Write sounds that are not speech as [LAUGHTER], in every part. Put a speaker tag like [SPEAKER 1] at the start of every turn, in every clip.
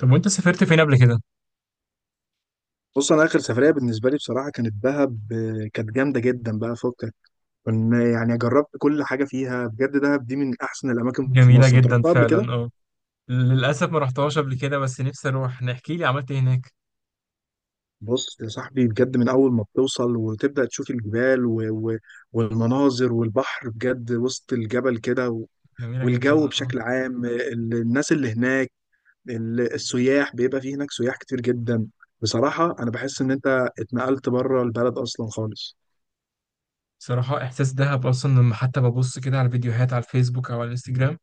[SPEAKER 1] طب وانت سافرت فين قبل كده؟
[SPEAKER 2] بص انا اخر سفريه بالنسبه لي بصراحه كانت دهب آه، كانت جامده جدا بقى فكك. كنا يعني جربت كل حاجه فيها بجد. دهب دي من احسن الاماكن في
[SPEAKER 1] جميلة
[SPEAKER 2] مصر، انت
[SPEAKER 1] جدا
[SPEAKER 2] رحتها قبل كده؟
[SPEAKER 1] فعلا، اه. للأسف ما رحتهاش قبل كده. بس نفسي أروح. نحكي لي عملت ايه هناك؟
[SPEAKER 2] بص يا صاحبي بجد من اول ما بتوصل وتبدا تشوف الجبال والمناظر والبحر بجد وسط الجبل كده
[SPEAKER 1] جميلة جدا،
[SPEAKER 2] والجو
[SPEAKER 1] اه.
[SPEAKER 2] بشكل عام آه، الناس اللي هناك، السياح بيبقى فيه هناك سياح كتير جدا. بصراحه انا بحس ان انت اتنقلت بره البلد اصلا خالص.
[SPEAKER 1] بصراحة إحساس دهب أصلا لما حتى ببص كده على فيديوهات على الفيسبوك أو على الانستجرام،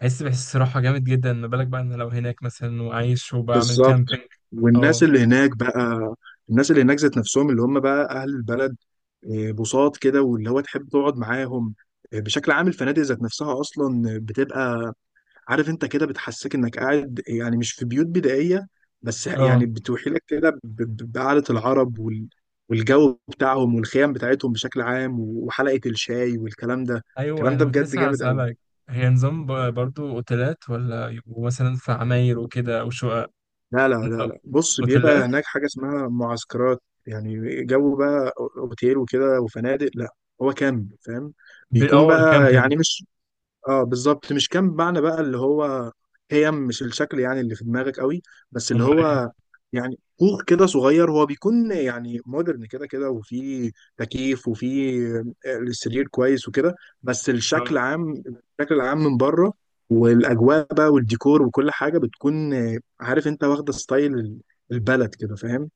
[SPEAKER 1] بحس صراحة جامد جدا. ما بالك بقى إن لو هناك مثلا وعايش وبعمل
[SPEAKER 2] بالظبط.
[SPEAKER 1] كامبينج؟
[SPEAKER 2] والناس
[SPEAKER 1] اه،
[SPEAKER 2] اللي هناك بقى، الناس اللي هناك ذات نفسهم اللي هم بقى اهل البلد، آه، بساط كده واللي هو تحب تقعد معاهم. آه، بشكل عام الفنادق ذات نفسها اصلا بتبقى، عارف انت كده، بتحسسك انك قاعد يعني مش في بيوت بدائيه، بس يعني
[SPEAKER 1] اه.
[SPEAKER 2] بتوحي لك كده بقعده العرب والجو بتاعهم والخيام بتاعتهم بشكل عام وحلقه الشاي والكلام ده.
[SPEAKER 1] أيوه،
[SPEAKER 2] الكلام
[SPEAKER 1] أنا
[SPEAKER 2] ده
[SPEAKER 1] كنت
[SPEAKER 2] بجد
[SPEAKER 1] لسه
[SPEAKER 2] جامد قوي.
[SPEAKER 1] هسألك. هي نظام برضو أوتيلات، ولا يبقوا مثلا في عماير وكده أو شقق؟
[SPEAKER 2] لا لا لا
[SPEAKER 1] نظام
[SPEAKER 2] لا بص بيبقى
[SPEAKER 1] أوتيلات؟
[SPEAKER 2] هناك حاجة اسمها معسكرات. يعني جو بقى اوتيل وكده وفنادق، لا. هو كامب، فاهم؟ بيكون
[SPEAKER 1] اه،
[SPEAKER 2] بقى
[SPEAKER 1] الكامبينج.
[SPEAKER 2] يعني مش، اه بالظبط، مش كام معنى بقى اللي هو، هيم مش الشكل يعني اللي في دماغك قوي، بس اللي
[SPEAKER 1] أمال ايه؟
[SPEAKER 2] هو، يعني كوخ كده صغير، هو بيكون يعني مودرن كده كده، وفيه تكييف، وفيه السرير كويس وكده، بس
[SPEAKER 1] اه.
[SPEAKER 2] الشكل عام، الشكل العام من بره والاجواء بقى والديكور وكل حاجه بتكون آه، عارف انت، واخده ستايل البلد كده، فاهم؟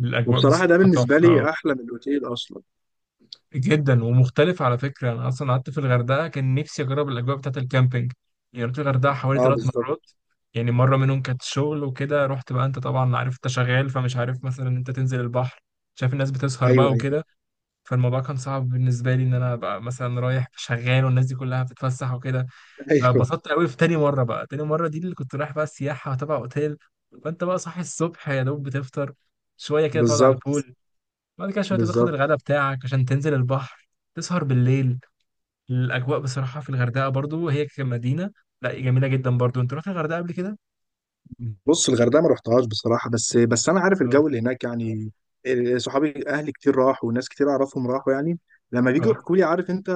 [SPEAKER 1] الأجواء
[SPEAKER 2] وبصراحه ده
[SPEAKER 1] بصراحة
[SPEAKER 2] بالنسبه
[SPEAKER 1] تحفة آه.
[SPEAKER 2] لي احلى من الاوتيل اصلا.
[SPEAKER 1] جدا ومختلف، على فكرة. أنا أصلا قعدت في الغردقة، كان نفسي أجرب الأجواء بتاعة الكامبينج. يعني رحت الغردقة حوالي
[SPEAKER 2] اه
[SPEAKER 1] ثلاث
[SPEAKER 2] بالظبط.
[SPEAKER 1] مرات. يعني مرة منهم كانت شغل وكده، رحت بقى، أنت طبعا عارف، أنت شغال فمش عارف مثلا إن أنت تنزل البحر، شايف الناس بتسهر
[SPEAKER 2] ايوه
[SPEAKER 1] بقى
[SPEAKER 2] ايوه.
[SPEAKER 1] وكده. فالموضوع كان صعب بالنسبة لي إن أنا أبقى مثلا رايح شغال والناس دي كلها بتتفسح وكده.
[SPEAKER 2] [LAUGHS] ايوه.
[SPEAKER 1] فبسطت قوي في تاني مرة. بقى تاني مرة دي اللي كنت رايح بقى السياحة تبع أوتيل. فأنت بقى صاحي الصبح، يا دوب بتفطر شوية، كده تقعد على
[SPEAKER 2] بالظبط.
[SPEAKER 1] البول. بعد كده شوية تاخد
[SPEAKER 2] بالظبط.
[SPEAKER 1] الغداء بتاعك عشان تنزل البحر. تسهر بالليل. الأجواء بصراحة في الغردقة برضو، هي كمدينة لا جميلة جدا برضو. أنت رحت الغردقة قبل كده؟
[SPEAKER 2] بص الغردقه ما رحتهاش بصراحه، بس انا عارف
[SPEAKER 1] اه،
[SPEAKER 2] الجو اللي هناك يعني. إيه، صحابي اهلي كتير راحوا وناس كتير اعرفهم راحوا يعني، لما بيجوا
[SPEAKER 1] اه.
[SPEAKER 2] يحكوا لي، عارف انت.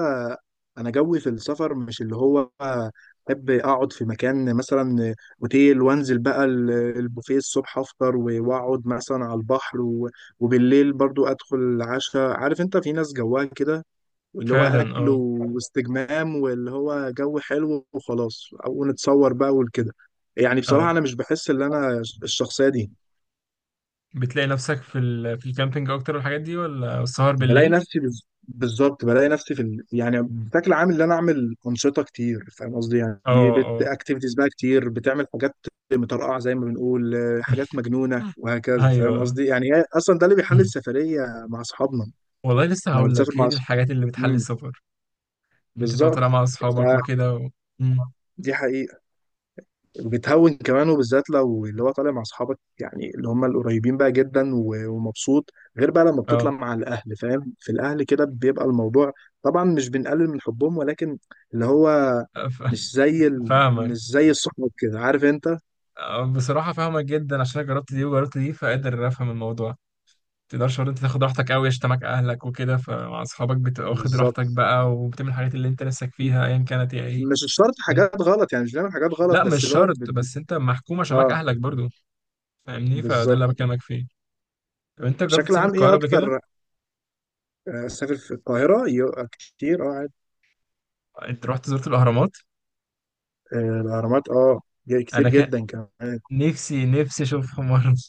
[SPEAKER 2] انا جوي في السفر مش اللي هو احب اقعد في مكان مثلا اوتيل وانزل بقى البوفيه الصبح افطر واقعد مثلا على البحر وبالليل برضو ادخل العشاء، عارف انت في ناس جواها كده، واللي هو
[SPEAKER 1] فعلا،
[SPEAKER 2] اكل
[SPEAKER 1] اه،
[SPEAKER 2] واستجمام واللي هو جو حلو وخلاص او نتصور بقى وكده. يعني بصراحه
[SPEAKER 1] اه.
[SPEAKER 2] انا مش بحس ان انا الشخصيه دي.
[SPEAKER 1] بتلاقي نفسك في في الكامبينج أكتر والحاجات دي، ولا السهر
[SPEAKER 2] بلاقي
[SPEAKER 1] بالليل؟
[SPEAKER 2] نفسي بالظبط، بلاقي نفسي في ال... يعني بشكل عام ان انا اعمل انشطه كتير، فاهم قصدي؟
[SPEAKER 1] اه،
[SPEAKER 2] يعني بت
[SPEAKER 1] اه،
[SPEAKER 2] اكتيفيتيز بقى كتير، بتعمل حاجات مطرقعه زي ما بنقول آه، حاجات مجنونه وهكذا، فاهم
[SPEAKER 1] أيوه.
[SPEAKER 2] قصدي؟ يعني هي اصلا ده اللي
[SPEAKER 1] [CLEARS THROAT]
[SPEAKER 2] بيحل
[SPEAKER 1] مم.
[SPEAKER 2] السفريه مع اصحابنا.
[SPEAKER 1] والله لسه
[SPEAKER 2] لما
[SPEAKER 1] هقول
[SPEAKER 2] بتسافر
[SPEAKER 1] لك، هي
[SPEAKER 2] مع
[SPEAKER 1] دي الحاجات اللي بتحلي
[SPEAKER 2] امم،
[SPEAKER 1] السفر. إن أنت تبقى طالع
[SPEAKER 2] بالظبط.
[SPEAKER 1] مع أصحابك
[SPEAKER 2] فدي
[SPEAKER 1] وكده و... مم.
[SPEAKER 2] حقيقه، بتهون كمان، وبالذات لو اللي هو طالع مع اصحابك يعني اللي هم القريبين بقى جدا ومبسوط. غير بقى لما بتطلع
[SPEAKER 1] اه.
[SPEAKER 2] مع الاهل، فاهم؟ في الاهل كده بيبقى الموضوع، طبعا مش بنقلل من حبهم، ولكن اللي هو
[SPEAKER 1] ف-
[SPEAKER 2] مش زي
[SPEAKER 1] [LAUGHS]
[SPEAKER 2] ال...
[SPEAKER 1] فاهمك.
[SPEAKER 2] مش زي الصحاب كده، عارف انت.
[SPEAKER 1] آه، بصراحة فاهمك جدا عشان أنا جربت دي وجربت دي، فقادر أفهم الموضوع. تقدرش برضه انت تاخد راحتك قوي، يشتمك اهلك وكده. فمع اصحابك بتبقى واخد
[SPEAKER 2] بالظبط.
[SPEAKER 1] راحتك بقى وبتعمل الحاجات اللي انت نفسك فيها ايا كانت هي ايه.
[SPEAKER 2] مش شرط
[SPEAKER 1] فاهم؟
[SPEAKER 2] حاجات غلط يعني، مش بنعمل حاجات غلط،
[SPEAKER 1] لا
[SPEAKER 2] بس
[SPEAKER 1] مش
[SPEAKER 2] اللي هو
[SPEAKER 1] شرط، بس انت محكوم عشان معاك
[SPEAKER 2] اه
[SPEAKER 1] اهلك برضه. فاهمني؟ فده اللي
[SPEAKER 2] بالظبط.
[SPEAKER 1] أنا بكلمك فيه. طب انت جربت
[SPEAKER 2] بشكل
[SPEAKER 1] تسافر
[SPEAKER 2] عام ايه
[SPEAKER 1] القاهره قبل كده؟
[SPEAKER 2] اكتر. آه، سافر في القاهرة كتير اه عادي.
[SPEAKER 1] انت زرت الاهرامات؟
[SPEAKER 2] آه، الاهرامات اه، كتير
[SPEAKER 1] انا كان
[SPEAKER 2] جدا كمان.
[SPEAKER 1] نفسي نفسي اشوفهم مره. [LAUGHS]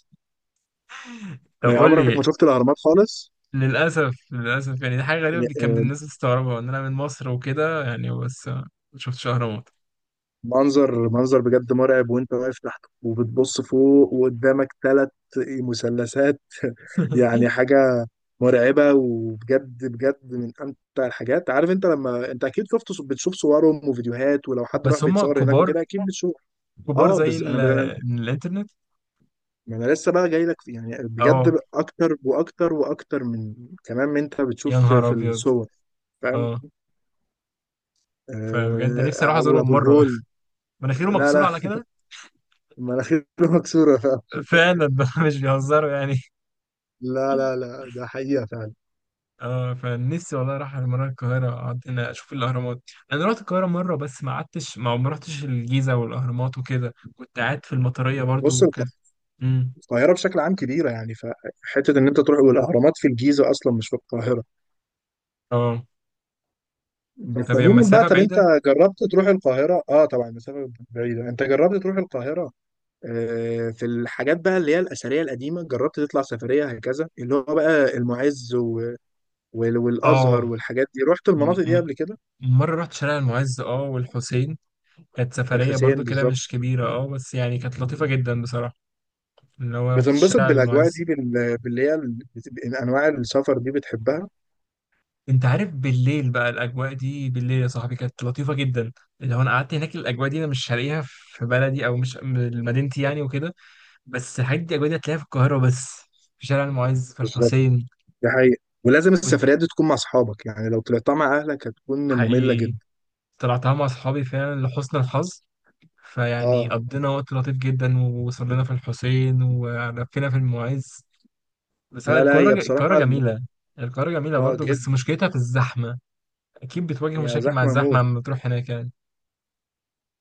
[SPEAKER 1] طب
[SPEAKER 2] ما
[SPEAKER 1] قول
[SPEAKER 2] عمرك
[SPEAKER 1] لي،
[SPEAKER 2] ما شفت الاهرامات خالص؟
[SPEAKER 1] للاسف للاسف، يعني دي حاجه غريبه كان
[SPEAKER 2] آه،
[SPEAKER 1] الناس بتستغربها ان انا من مصر وكده، يعني بس ما شفتش اهرامات.
[SPEAKER 2] منظر منظر بجد مرعب، وانت واقف تحت وبتبص فوق وقدامك ثلاث مثلثات
[SPEAKER 1] [LAUGHS]
[SPEAKER 2] يعني، حاجة مرعبة، وبجد بجد من امتع الحاجات، عارف انت؟ لما انت اكيد شفت، بتشوف صورهم وفيديوهات، ولو حد راح
[SPEAKER 1] بس هم
[SPEAKER 2] بيتصور هناك
[SPEAKER 1] كبار.
[SPEAKER 2] وكده اكيد بتشوف.
[SPEAKER 1] كبار
[SPEAKER 2] اه
[SPEAKER 1] زي
[SPEAKER 2] بس انا
[SPEAKER 1] الانترنت.
[SPEAKER 2] ما انا لسه بقى جاي لك في، يعني
[SPEAKER 1] اه،
[SPEAKER 2] بجد اكتر واكتر واكتر من كمان من انت بتشوف
[SPEAKER 1] يا
[SPEAKER 2] في
[SPEAKER 1] نهار
[SPEAKER 2] في
[SPEAKER 1] ابيض.
[SPEAKER 2] الصور، فاهم؟
[SPEAKER 1] اه، فبجد نفسي اروح
[SPEAKER 2] آه،
[SPEAKER 1] ازورهم
[SPEAKER 2] وابو
[SPEAKER 1] مره.
[SPEAKER 2] الهول.
[SPEAKER 1] [LAUGHS] مناخيره
[SPEAKER 2] لا
[SPEAKER 1] مكسوره
[SPEAKER 2] لا،
[SPEAKER 1] على كده.
[SPEAKER 2] مناخيره [LAUGHS] مكسوره، فاهم؟
[SPEAKER 1] فعلا بقى. [LAUGHS] مش بيهزروا يعني.
[SPEAKER 2] لا لا لا، ده حقيقة فعلا.
[SPEAKER 1] اه، فنفسي والله اروح مره القاهره، اقعد هنا اشوف الاهرامات. انا رحت القاهره مره بس ما قعدتش، ما رحتش الجيزه والاهرامات وكده. كنت قاعد في المطريه برضو،
[SPEAKER 2] بص
[SPEAKER 1] وكانت... امم.
[SPEAKER 2] القاهرة بشكل عام كبيرة يعني، فحتة إن أنت تروح، والأهرامات في الجيزة أصلا مش في القاهرة،
[SPEAKER 1] اه.
[SPEAKER 2] بس
[SPEAKER 1] طب هي
[SPEAKER 2] عموما بقى.
[SPEAKER 1] المسافه
[SPEAKER 2] طب أنت
[SPEAKER 1] بعيده؟
[SPEAKER 2] جربت تروح القاهرة؟ أه طبعا المسافة بعيدة. أنت جربت تروح القاهرة؟ آه، في الحاجات بقى اللي هي الأثرية القديمة، جربت تطلع سفرية هكذا اللي هو بقى المعز
[SPEAKER 1] اه.
[SPEAKER 2] والأزهر والحاجات دي، رحت المناطق
[SPEAKER 1] م-
[SPEAKER 2] دي
[SPEAKER 1] م-
[SPEAKER 2] قبل كده؟
[SPEAKER 1] مره رحت شارع المعز، اه، والحسين. كانت سفريه
[SPEAKER 2] والحسين،
[SPEAKER 1] برضو كده، مش
[SPEAKER 2] بالظبط.
[SPEAKER 1] كبيره اه، بس يعني كانت لطيفه جدا بصراحه. اللي هو رحت
[SPEAKER 2] بتنبسط
[SPEAKER 1] الشارع
[SPEAKER 2] بالأجواء
[SPEAKER 1] المعز.
[SPEAKER 2] دي بال... باللي هي أنواع السفر دي بتحبها؟
[SPEAKER 1] انت عارف بالليل بقى الاجواء دي، بالليل يا صاحبي كانت لطيفه جدا. لو انا قعدت هناك، الاجواء دي انا مش هلاقيها في بلدي او مش مدينتي يعني وكده. بس الحاجات دي، الاجواء دي هتلاقيها في القاهره بس، في شارع المعز، في الحسين.
[SPEAKER 2] دي حقيقة. ولازم
[SPEAKER 1] كنت
[SPEAKER 2] السفريات دي تكون مع أصحابك يعني، لو طلعتها مع أهلك هتكون مملة
[SPEAKER 1] حقيقي
[SPEAKER 2] جدا.
[SPEAKER 1] طلعتها مع اصحابي فعلا لحسن الحظ. فيعني
[SPEAKER 2] اه.
[SPEAKER 1] قضينا وقت لطيف جدا، وصلنا في الحسين ولفينا في المعز. بس
[SPEAKER 2] لا لا،
[SPEAKER 1] القاهره
[SPEAKER 2] هي
[SPEAKER 1] القاهره
[SPEAKER 2] بصراحة ال-.
[SPEAKER 1] جميله. القاهره جميله
[SPEAKER 2] اه
[SPEAKER 1] برضو،
[SPEAKER 2] جدا.
[SPEAKER 1] بس مشكلتها في الزحمه. اكيد بتواجه
[SPEAKER 2] هي
[SPEAKER 1] مشاكل مع
[SPEAKER 2] زحمة
[SPEAKER 1] الزحمه
[SPEAKER 2] موت.
[SPEAKER 1] لما تروح هناك يعني.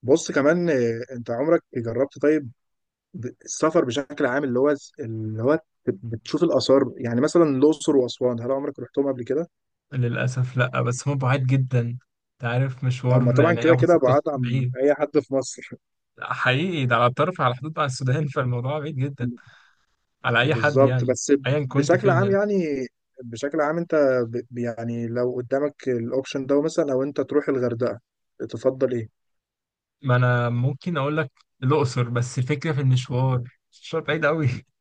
[SPEAKER 2] بص كمان آه، انت عمرك جربت طيب السفر بشكل عام اللي هو، اللي هو بتشوف الآثار، يعني مثلا الأقصر وأسوان، هل عمرك رحتهم قبل كده؟
[SPEAKER 1] للأسف لأ، بس هو بعيد جدا. أنت عارف
[SPEAKER 2] أما
[SPEAKER 1] مشوار،
[SPEAKER 2] طبعا
[SPEAKER 1] يعني
[SPEAKER 2] كده
[SPEAKER 1] هياخد
[SPEAKER 2] كده
[SPEAKER 1] ستة،
[SPEAKER 2] بعاد عن
[SPEAKER 1] بعيد.
[SPEAKER 2] أي حد في مصر.
[SPEAKER 1] حقيقي، ده على الطرف، على حدود مع السودان. [LAUGHS] فالموضوع بعيد جدا
[SPEAKER 2] [LAUGHS]
[SPEAKER 1] على أي حد
[SPEAKER 2] بالظبط
[SPEAKER 1] يعني،
[SPEAKER 2] بس.
[SPEAKER 1] أيا كنت
[SPEAKER 2] بشكل
[SPEAKER 1] فين
[SPEAKER 2] عام
[SPEAKER 1] يعني.
[SPEAKER 2] يعني، بشكل عام انت يعني لو قدامك الأوبشن ده مثلا، لو انت تروح الغردقة، تفضل ايه؟
[SPEAKER 1] ما أنا ممكن أقول لك الأقصر، بس الفكرة في المشوار. المشوار بعيد أوي. [LAUGHS]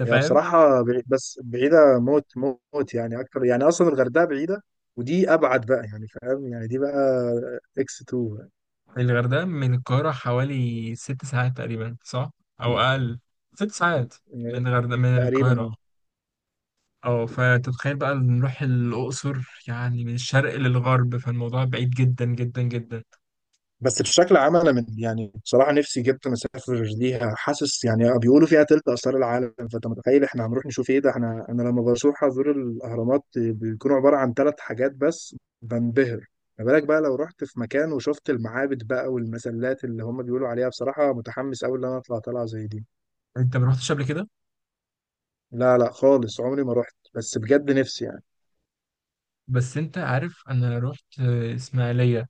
[SPEAKER 1] أنت
[SPEAKER 2] هي
[SPEAKER 1] فاهم.
[SPEAKER 2] بصراحة بعيد، بس بعيدة موت، موت يعني أكتر، يعني أصلا الغردقة بعيدة، ودي أبعد بقى، يعني فاهم يعني دي بقى إكس 2
[SPEAKER 1] الغردقة من القاهرة حوالي 6 ساعات تقريبا، صح؟ أو أقل. 6 ساعات؟
[SPEAKER 2] يعني.
[SPEAKER 1] من الغردقة من
[SPEAKER 2] تقريبا
[SPEAKER 1] القاهرة.
[SPEAKER 2] أه.
[SPEAKER 1] أه. فتتخيل بقى نروح الأقصر، يعني من الشرق للغرب، فالموضوع بعيد جدا جدا جدا.
[SPEAKER 2] بس بشكل عام أنا من، يعني بصراحة نفسي جدا أسافر ليها، حاسس يعني آه، بيقولوا فيها تلت آثار العالم، فأنت متخيل إحنا هنروح نشوف إيه؟ ده إحنا أنا لما بروح أزور الأهرامات بيكونوا عبارة عن ثلاث حاجات بس بنبهر، ما بالك بقى لو رحت في مكان وشفت المعابد بقى والمسلات اللي هم بيقولوا عليها؟ بصراحة متحمس أوي إن أنا أطلع طلعة زي دي.
[SPEAKER 1] انت ما رحتش قبل كده؟
[SPEAKER 2] لا لا خالص عمري ما رحت، بس بجد نفسي يعني.
[SPEAKER 1] بس انت عارف، انا رحت آه، اسماعيليه.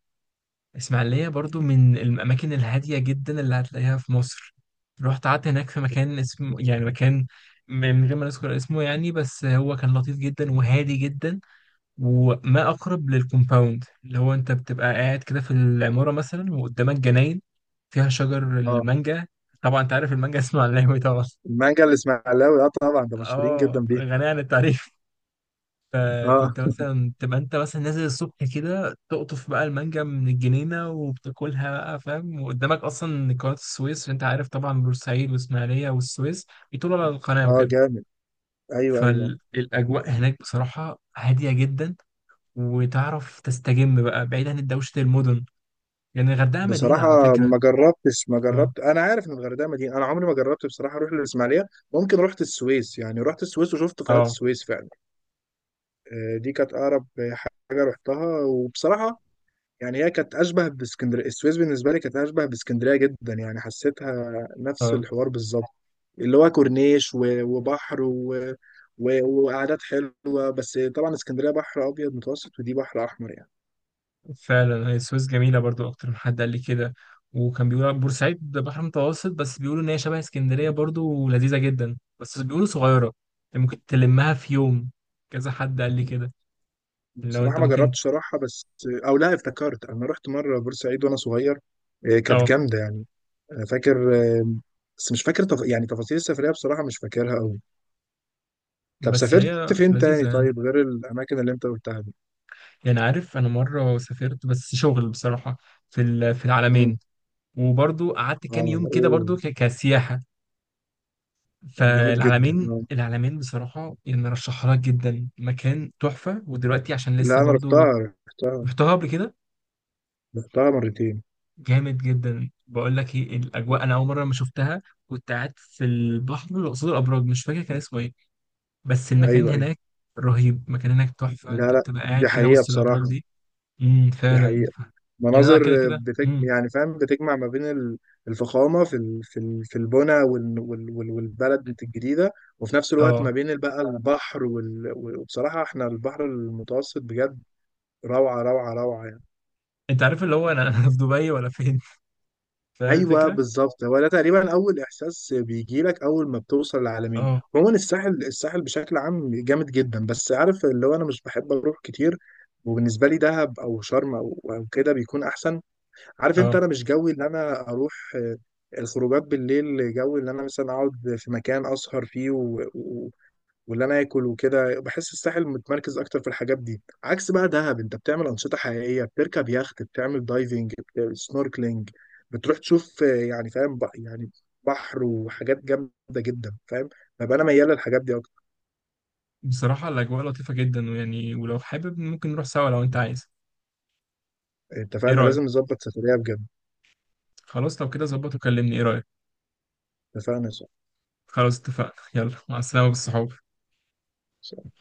[SPEAKER 1] اسماعيليه برضو من الاماكن الهاديه جدا اللي هتلاقيها في مصر. رحت قعدت هناك في مكان اسمه، يعني مكان، من غير ما نذكر اسمه يعني، بس هو كان لطيف جدا وهادي جدا. وما اقرب للكومباوند، اللي هو انت بتبقى قاعد كده في العماره مثلا وقدامك جناين فيها شجر
[SPEAKER 2] اه.
[SPEAKER 1] المانجا. طبعا انت عارف المانجا، [LAUGHS] اسمه على طبعا.
[SPEAKER 2] المانجا الاسماعيلاوي، اه طبعا ده مشهورين جدا
[SPEAKER 1] اه،
[SPEAKER 2] بيه.
[SPEAKER 1] غني عن التعريف.
[SPEAKER 2] اه.
[SPEAKER 1] فكنت مثلا تبقى انت مثلا نازل الصبح كده، تقطف بقى المانجا من الجنينه وبتاكلها بقى، فاهم، وقدامك اصلا قناه السويس، اللي انت عارف طبعا بورسعيد واسماعيليه والسويس بيطولوا على القناه
[SPEAKER 2] اه
[SPEAKER 1] وكده.
[SPEAKER 2] جامد. ايوه ايوه أيوة.
[SPEAKER 1] فالاجواء هناك بصراحه هاديه جدا. وتعرف تستجم بقى بعيد عن دوشه المدن، لان يعني الغردقه مدينه على
[SPEAKER 2] بصراحة
[SPEAKER 1] فكره.
[SPEAKER 2] ما جربتش، ما
[SPEAKER 1] اه،
[SPEAKER 2] جربت. أنا عارف إن الغردقة مدينة، أنا عمري ما جربت بصراحة أروح للإسماعيلية. ممكن رحت السويس يعني، رحت السويس وشفت قناة
[SPEAKER 1] اه،
[SPEAKER 2] السويس فعلا. آه، دي كانت أقرب حاجة رحتها، وبصراحة يعني هي كانت اشبه باسكندريه. السويس بالنسبه لي كانت اشبه باسكندريه جدا يعني، حسيتها نفس
[SPEAKER 1] اه.
[SPEAKER 2] الحوار بالظبط. اللي هو كورنيش وبحر وقعدات حلوه، بس طبعا اسكندريه بحر ابيض متوسط، ودي بحر احمر يعني.
[SPEAKER 1] فعلا. هي السويس جميلة برضو، أكتر من حد قال لي كده. وكان بيقول بورسعيد بحر متوسط، بس بيقولوا إن هي شبه اسكندرية برضو ولذيذة جدا، بس بيقولوا صغيرة، يعني ممكن تلمها في يوم. كذا حد قال لي كده، لو
[SPEAKER 2] بصراحه
[SPEAKER 1] أنت
[SPEAKER 2] ما
[SPEAKER 1] ممكن.
[SPEAKER 2] جربتش صراحه، بس او لا افتكرت انا رحت مره بورسعيد وانا صغير، إيه، كانت
[SPEAKER 1] أه،
[SPEAKER 2] جامده يعني. انا فاكر آه، بس مش فاكر يعني تفاصيل السفريه بصراحه مش فاكرها قوي. طب
[SPEAKER 1] بس هي
[SPEAKER 2] سافرت فين
[SPEAKER 1] لذيذة
[SPEAKER 2] تاني
[SPEAKER 1] يعني.
[SPEAKER 2] طيب غير الاماكن اللي انت قلتها دي؟
[SPEAKER 1] يعني عارف، أنا مرة سافرت بس شغل بصراحة في في
[SPEAKER 2] امم.
[SPEAKER 1] العلمين. وبرضو قعدت
[SPEAKER 2] اه.
[SPEAKER 1] كام يوم كده
[SPEAKER 2] اوه.
[SPEAKER 1] برضو كسياحة.
[SPEAKER 2] جامد جدا
[SPEAKER 1] فالعلمين
[SPEAKER 2] آه.
[SPEAKER 1] العلمين بصراحة، يعني رشحها لك جدا، مكان تحفة، ودلوقتي عشان
[SPEAKER 2] لا
[SPEAKER 1] لسه
[SPEAKER 2] انا
[SPEAKER 1] برضو
[SPEAKER 2] رحتها، رحتها،
[SPEAKER 1] رحتها قبل كده.
[SPEAKER 2] رحتها مرتين.
[SPEAKER 1] جامد جدا، بقول لك ايه، الاجواء انا اول مره لما شفتها، كنت قاعد في البحر اللي قصاد الابراج، مش فاكر كان اسمه ايه، بس المكان
[SPEAKER 2] ايوه ايوه.
[SPEAKER 1] هناك رهيب. المكان هناك تحفه،
[SPEAKER 2] لا
[SPEAKER 1] انت
[SPEAKER 2] لا
[SPEAKER 1] بتبقى
[SPEAKER 2] دي
[SPEAKER 1] قاعد كده
[SPEAKER 2] حقيقه
[SPEAKER 1] وسط الابراج
[SPEAKER 2] بصراحه،
[SPEAKER 1] دي.
[SPEAKER 2] دي
[SPEAKER 1] فعلا.
[SPEAKER 2] حقيقه.
[SPEAKER 1] يعني انا كده
[SPEAKER 2] مناظر آه،
[SPEAKER 1] كده.
[SPEAKER 2] يعني فاهم بتجمع ما بين الفخامه في ال... في ال... في البنى والبلد الجديده، وفي نفس الوقت
[SPEAKER 1] اه.
[SPEAKER 2] ما بين بقى البحر وبصراحه احنا البحر المتوسط بجد، روعه.
[SPEAKER 1] انت عارف اللي هو، انا انا في دبي ولا فين. [LAUGHS] فاهم
[SPEAKER 2] ايوه
[SPEAKER 1] الفكره.
[SPEAKER 2] بالظبط، هو ده تقريبا اول احساس بيجي لك اول ما بتوصل العلمين.
[SPEAKER 1] اه،
[SPEAKER 2] عموما الساحل بشكل عام جامد جدا، بس عارف اللي هو انا مش بحب اروح كتير، وبالنسبه لي دهب او شرم او كده بيكون احسن. عارف انت
[SPEAKER 1] اه.
[SPEAKER 2] انا مش جوي ان انا اروح آه، الخروجات بالليل، جو ان انا مثلا اقعد في مكان اسهر فيه واللي انا اكل وكده، بحس الساحل متمركز اكتر في الحاجات دي، عكس بقى دهب انت بتعمل انشطه حقيقيه، بتركب يخت، بتعمل دايفنج، سنوركلينج، بتروح تشوف آه، يعني فاهم يعني بحر وحاجات جامده جدا، فاهم؟ فبقى انا ميال للحاجات دي اكتر.
[SPEAKER 1] بصراحه الاجواء لطيفه جدا، ويعني ولو حابب ممكن نروح سوا لو انت عايز. ايه
[SPEAKER 2] اتفقنا،
[SPEAKER 1] رايك؟
[SPEAKER 2] لازم نظبط سفريه بجد.
[SPEAKER 1] خلاص لو كده، ظبط وكلمني. ايه رايك؟
[SPEAKER 2] اتفقنا.
[SPEAKER 1] خلاص اتفقنا، يلا مع السلامه بالصحاب.
[SPEAKER 2] صح.